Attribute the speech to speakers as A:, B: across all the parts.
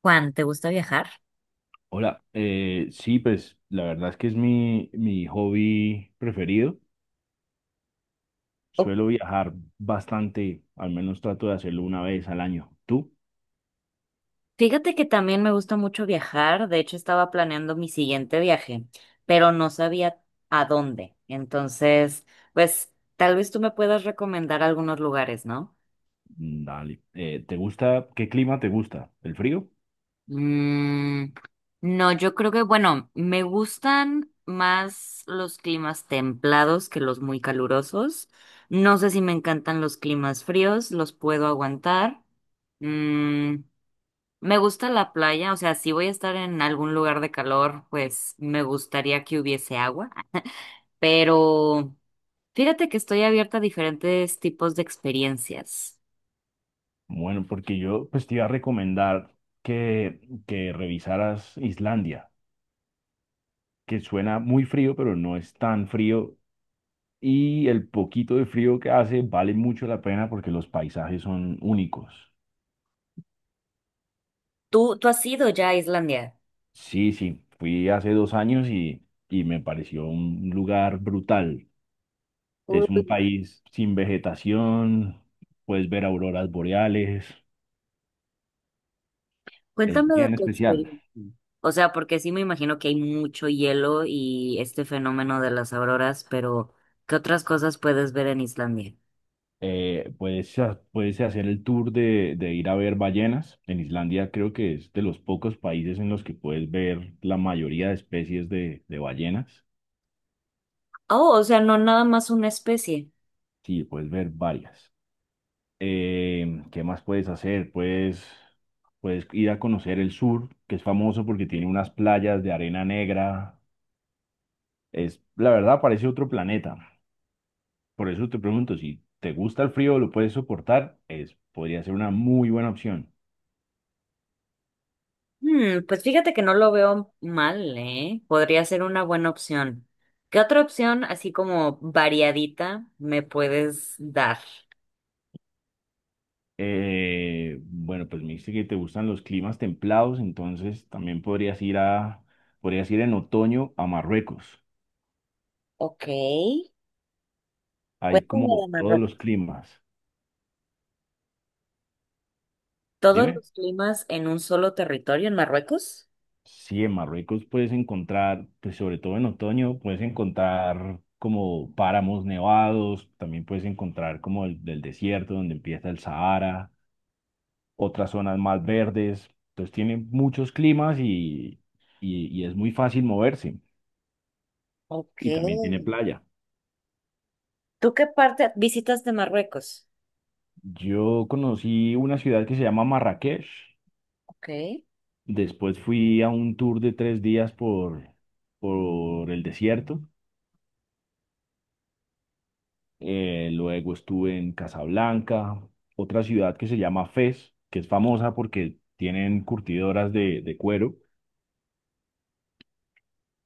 A: Juan, ¿te gusta viajar?
B: Hola, sí, pues la verdad es que es mi hobby preferido.
A: Oh,
B: Suelo viajar bastante, al menos trato de hacerlo una vez al año. ¿Tú?
A: fíjate que también me gusta mucho viajar. De hecho, estaba planeando mi siguiente viaje, pero no sabía a dónde. Entonces, pues tal vez tú me puedas recomendar algunos lugares, ¿no?
B: Mm, dale. ¿Te gusta? ¿Qué clima te gusta? ¿El frío?
A: Mm, no, yo creo que, bueno, me gustan más los climas templados que los muy calurosos. No sé si me encantan los climas fríos, los puedo aguantar. Mm, Me gusta la playa, o sea, si voy a estar en algún lugar de calor, pues me gustaría que hubiese agua, pero fíjate que estoy abierta a diferentes tipos de experiencias.
B: Bueno, porque yo pues te iba a recomendar que, que revisaras Islandia, que suena muy frío, pero no es tan frío. Y el poquito de frío que hace vale mucho la pena porque los paisajes son únicos.
A: ¿Tú has ido ya a Islandia?
B: Sí, sí, fui hace 2 años y me pareció un lugar brutal. Es
A: Uy,
B: un país sin vegetación, puedes ver auroras boreales, es
A: cuéntame de
B: bien
A: tu
B: especial.
A: experiencia. O sea, porque sí me imagino que hay mucho hielo y este fenómeno de las auroras, pero ¿qué otras cosas puedes ver en Islandia?
B: Puedes, puedes hacer el tour de ir a ver ballenas. En Islandia creo que es de los pocos países en los que puedes ver la mayoría de especies de ballenas.
A: Oh, o sea, no nada más una especie.
B: Sí, puedes ver varias. ¿Qué más puedes hacer? Puedes ir a conocer el sur, que es famoso porque tiene unas playas de arena negra. Es, la verdad, parece otro planeta. Por eso te pregunto, si te gusta el frío, lo puedes soportar, es, podría ser una muy buena opción.
A: Hmm, pues fíjate que no lo veo mal, ¿eh? Podría ser una buena opción. ¿Qué otra opción, así como variadita, me puedes dar?
B: Bueno, pues me dijiste que te gustan los climas templados, entonces también podrías ir en otoño a Marruecos.
A: Ok,
B: Hay
A: cuéntame
B: como
A: de
B: todos los
A: Marruecos.
B: climas.
A: ¿Todos
B: Dime.
A: los climas en un solo territorio en Marruecos?
B: Sí, en Marruecos puedes encontrar, pues sobre todo en otoño, puedes encontrar como páramos nevados, también puedes encontrar como el del desierto donde empieza el Sahara, otras zonas más verdes. Entonces tiene muchos climas y es muy fácil moverse.
A: Ok.
B: Y también tiene playa.
A: ¿Tú qué parte visitas de Marruecos?
B: Yo conocí una ciudad que se llama Marrakech.
A: Ok.
B: Después fui a un tour de 3 días por el desierto, luego estuve en Casablanca, otra ciudad que se llama Fez, que es famosa porque tienen curtidoras de cuero,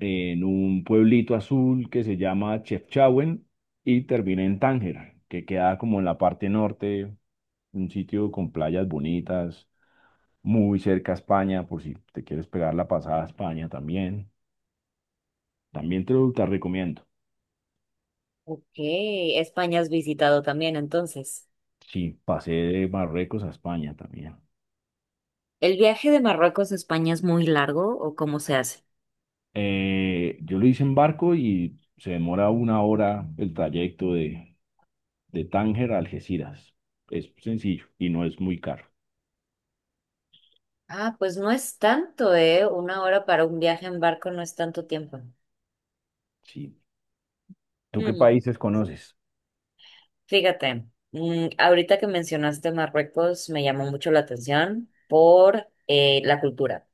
B: en un pueblito azul que se llama Chefchaouen y terminé en Tánger, que queda como en la parte norte, un sitio con playas bonitas, muy cerca a España, por si te quieres pegar la pasada a España también. También te recomiendo.
A: Ok, España has visitado también, entonces.
B: Sí, pasé de Marruecos a España también.
A: ¿El viaje de Marruecos a España es muy largo o cómo se hace?
B: Yo lo hice en barco y se demora 1 hora el trayecto de Tánger a Algeciras. Es sencillo y no es muy caro.
A: Ah, pues no es tanto, ¿eh? Una hora para un viaje en barco no es tanto tiempo.
B: Sí. ¿Tú qué
A: Mm,
B: países conoces?
A: fíjate, mm, ahorita que mencionaste Marruecos me llamó mucho la atención por la cultura.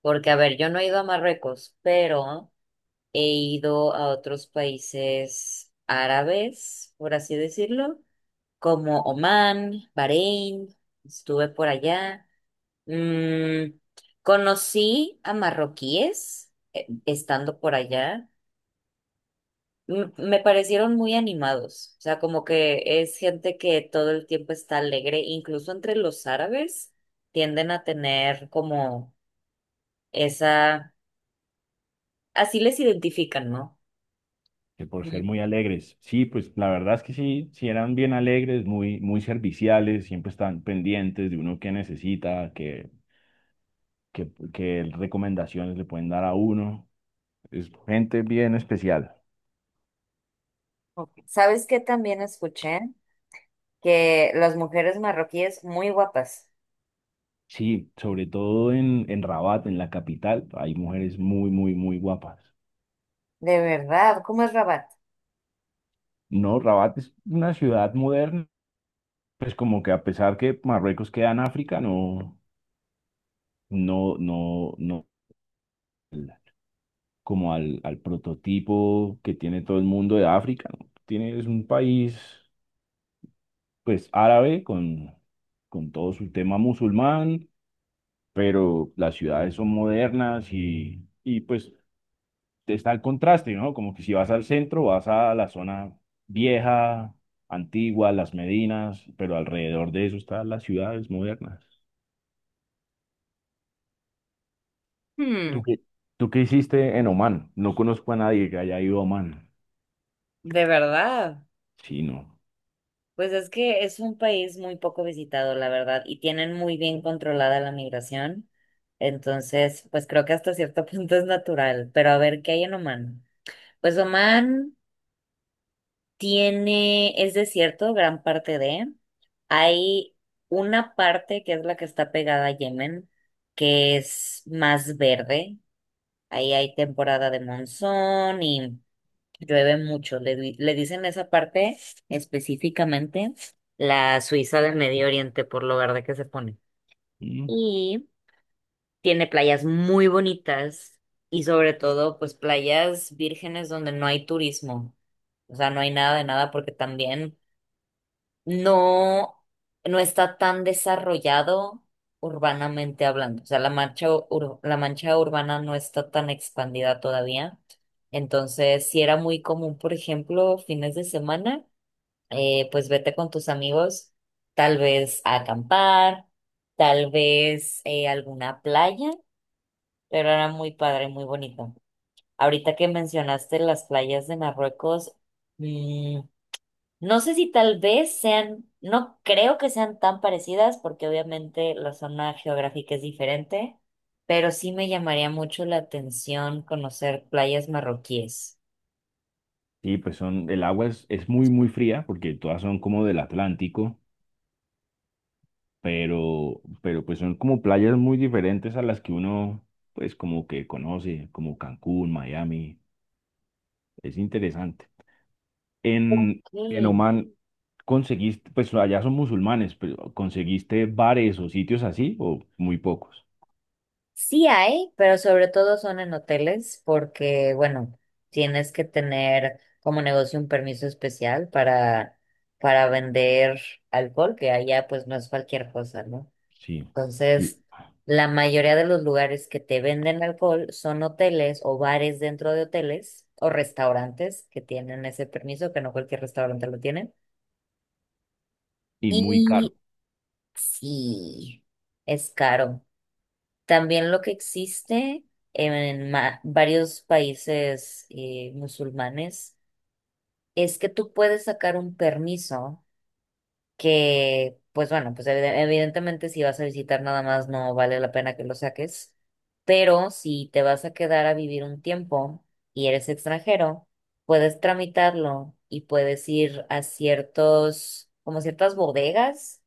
A: Porque, a ver, yo no he ido a Marruecos, pero he ido a otros países árabes, por así decirlo, como Omán, Bahrein, estuve por allá. Mm, conocí a marroquíes estando por allá. Me parecieron muy animados, o sea, como que es gente que todo el tiempo está alegre, incluso entre los árabes tienden a tener como esa, así les identifican, ¿no?
B: Que por ser
A: Mm.
B: muy alegres. Sí, pues la verdad es que sí, sí eran bien alegres, muy, muy serviciales, siempre están pendientes de uno que necesita, que recomendaciones le pueden dar a uno. Es gente bien especial.
A: Ok. ¿Sabes qué también escuché? Que las mujeres marroquíes muy guapas.
B: Sí, sobre todo en Rabat, en la capital, hay mujeres muy, muy, muy guapas.
A: De verdad, ¿cómo es Rabat?
B: No, Rabat es una ciudad moderna, pues como que a pesar que Marruecos queda en África, no, como al prototipo que tiene todo el mundo de África, ¿no? Tiene, es un país, pues árabe con todo su tema musulmán, pero las ciudades son modernas y pues está el contraste, ¿no? Como que si vas al centro, vas a la zona vieja, antigua, las Medinas, pero alrededor de eso están las ciudades modernas. ¿Tú
A: Hmm,
B: qué, ¿tú qué hiciste en Oman? No conozco a nadie que haya ido a Oman.
A: de verdad.
B: Sí, no.
A: Pues es que es un país muy poco visitado, la verdad, y tienen muy bien controlada la migración. Entonces, pues creo que hasta cierto punto es natural. Pero a ver, ¿qué hay en Oman? Pues Oman tiene, es desierto, gran parte de. Hay una parte que es la que está pegada a Yemen, que es más verde. Ahí hay temporada de monzón y llueve mucho, le dicen esa parte específicamente la Suiza del Medio Oriente por lo verde que se pone.
B: Mm.
A: Y tiene playas muy bonitas y sobre todo pues playas vírgenes donde no hay turismo. O sea, no hay nada de nada porque también no, no está tan desarrollado urbanamente hablando. O sea, la mancha urbana no está tan expandida todavía. Entonces, si era muy común, por ejemplo, fines de semana, pues vete con tus amigos, tal vez a acampar, tal vez alguna playa, pero era muy padre, muy bonito. Ahorita que mencionaste las playas de Marruecos, mm, no sé si tal vez sean, no creo que sean tan parecidas porque obviamente la zona geográfica es diferente, pero sí me llamaría mucho la atención conocer playas marroquíes.
B: Sí, pues son, el agua es muy, muy fría porque todas son como del Atlántico, pero pues son como playas muy diferentes a las que uno, pues como que conoce, como Cancún, Miami. Es interesante. En, en
A: Mm,
B: Oman, ¿conseguiste, pues allá son musulmanes, pero ¿conseguiste bares o sitios así o muy pocos?
A: sí hay, pero sobre todo son en hoteles porque, bueno, tienes que tener como negocio un permiso especial para vender alcohol, que allá pues no es cualquier cosa, ¿no?
B: Sí, sí.
A: Entonces, la mayoría de los lugares que te venden alcohol son hoteles o bares dentro de hoteles o restaurantes que tienen ese permiso, que no cualquier restaurante lo tiene.
B: Y muy caro.
A: Y sí, es caro. También lo que existe en varios países musulmanes es que tú puedes sacar un permiso que, pues bueno, pues evidentemente si vas a visitar nada más no vale la pena que lo saques, pero si te vas a quedar a vivir un tiempo y eres extranjero, puedes tramitarlo y puedes ir a ciertos, como ciertas bodegas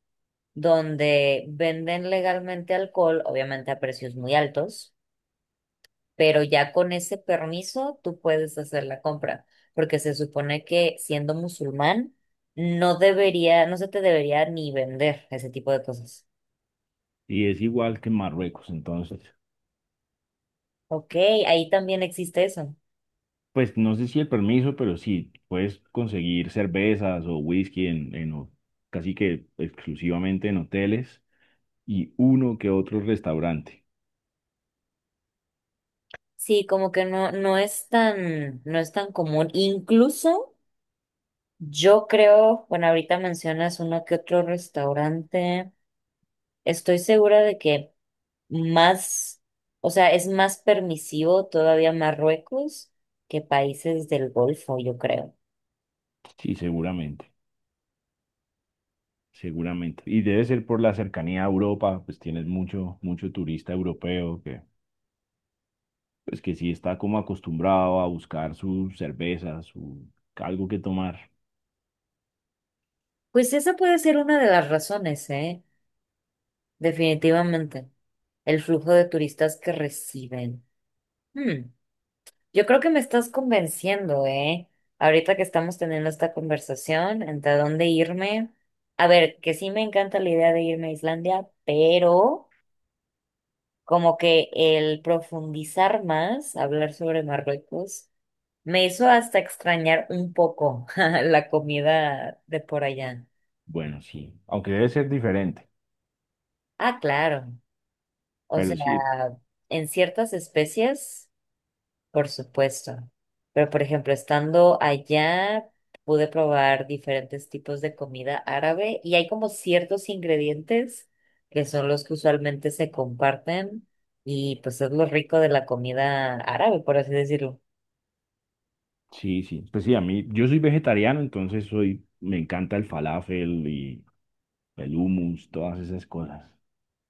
A: donde venden legalmente alcohol, obviamente a precios muy altos, pero ya con ese permiso tú puedes hacer la compra, porque se supone que siendo musulmán no debería, no se te debería ni vender ese tipo de cosas.
B: Y es igual que en Marruecos, entonces,
A: Ok, ahí también existe eso.
B: pues no sé si el permiso, pero sí, puedes conseguir cervezas o whisky en casi que exclusivamente en hoteles y uno que otro restaurante.
A: Sí, como que no, no es tan, no es tan común. Incluso yo creo, bueno, ahorita mencionas uno que otro restaurante. Estoy segura de que más, o sea, es más permisivo todavía Marruecos que países del Golfo, yo creo.
B: Sí, seguramente, seguramente. Y debe ser por la cercanía a Europa, pues tienes mucho, mucho turista europeo que, pues que sí está como acostumbrado a buscar su cerveza, su algo que tomar.
A: Pues esa puede ser una de las razones, ¿eh? Definitivamente. El flujo de turistas que reciben. Hmm, yo creo que me estás convenciendo, ¿eh? Ahorita que estamos teniendo esta conversación, ¿entre dónde irme? A ver, que sí me encanta la idea de irme a Islandia, pero como que el profundizar más, hablar sobre Marruecos, me hizo hasta extrañar un poco la comida de por allá.
B: Bueno, sí, aunque debe ser diferente,
A: Ah, claro. O
B: pero
A: sea,
B: sí,
A: en ciertas especies, por supuesto. Pero, por ejemplo, estando allá, pude probar diferentes tipos de comida árabe y hay como ciertos ingredientes que son los que usualmente se comparten y pues es lo rico de la comida árabe, por así decirlo.
B: sí, sí. Pues sí, a mí, yo soy vegetariano, entonces soy, me encanta el falafel y el hummus, todas esas cosas.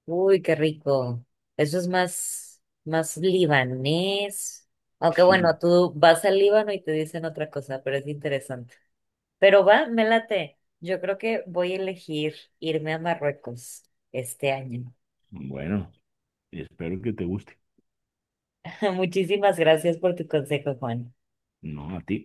A: Uy, qué rico. Eso es más, más libanés. Aunque bueno,
B: Sí,
A: tú vas al Líbano y te dicen otra cosa, pero es interesante. Pero va, me late. Yo creo que voy a elegir irme a Marruecos este año.
B: bueno, espero que te guste.
A: Muchísimas gracias por tu consejo, Juan.
B: No, a ti.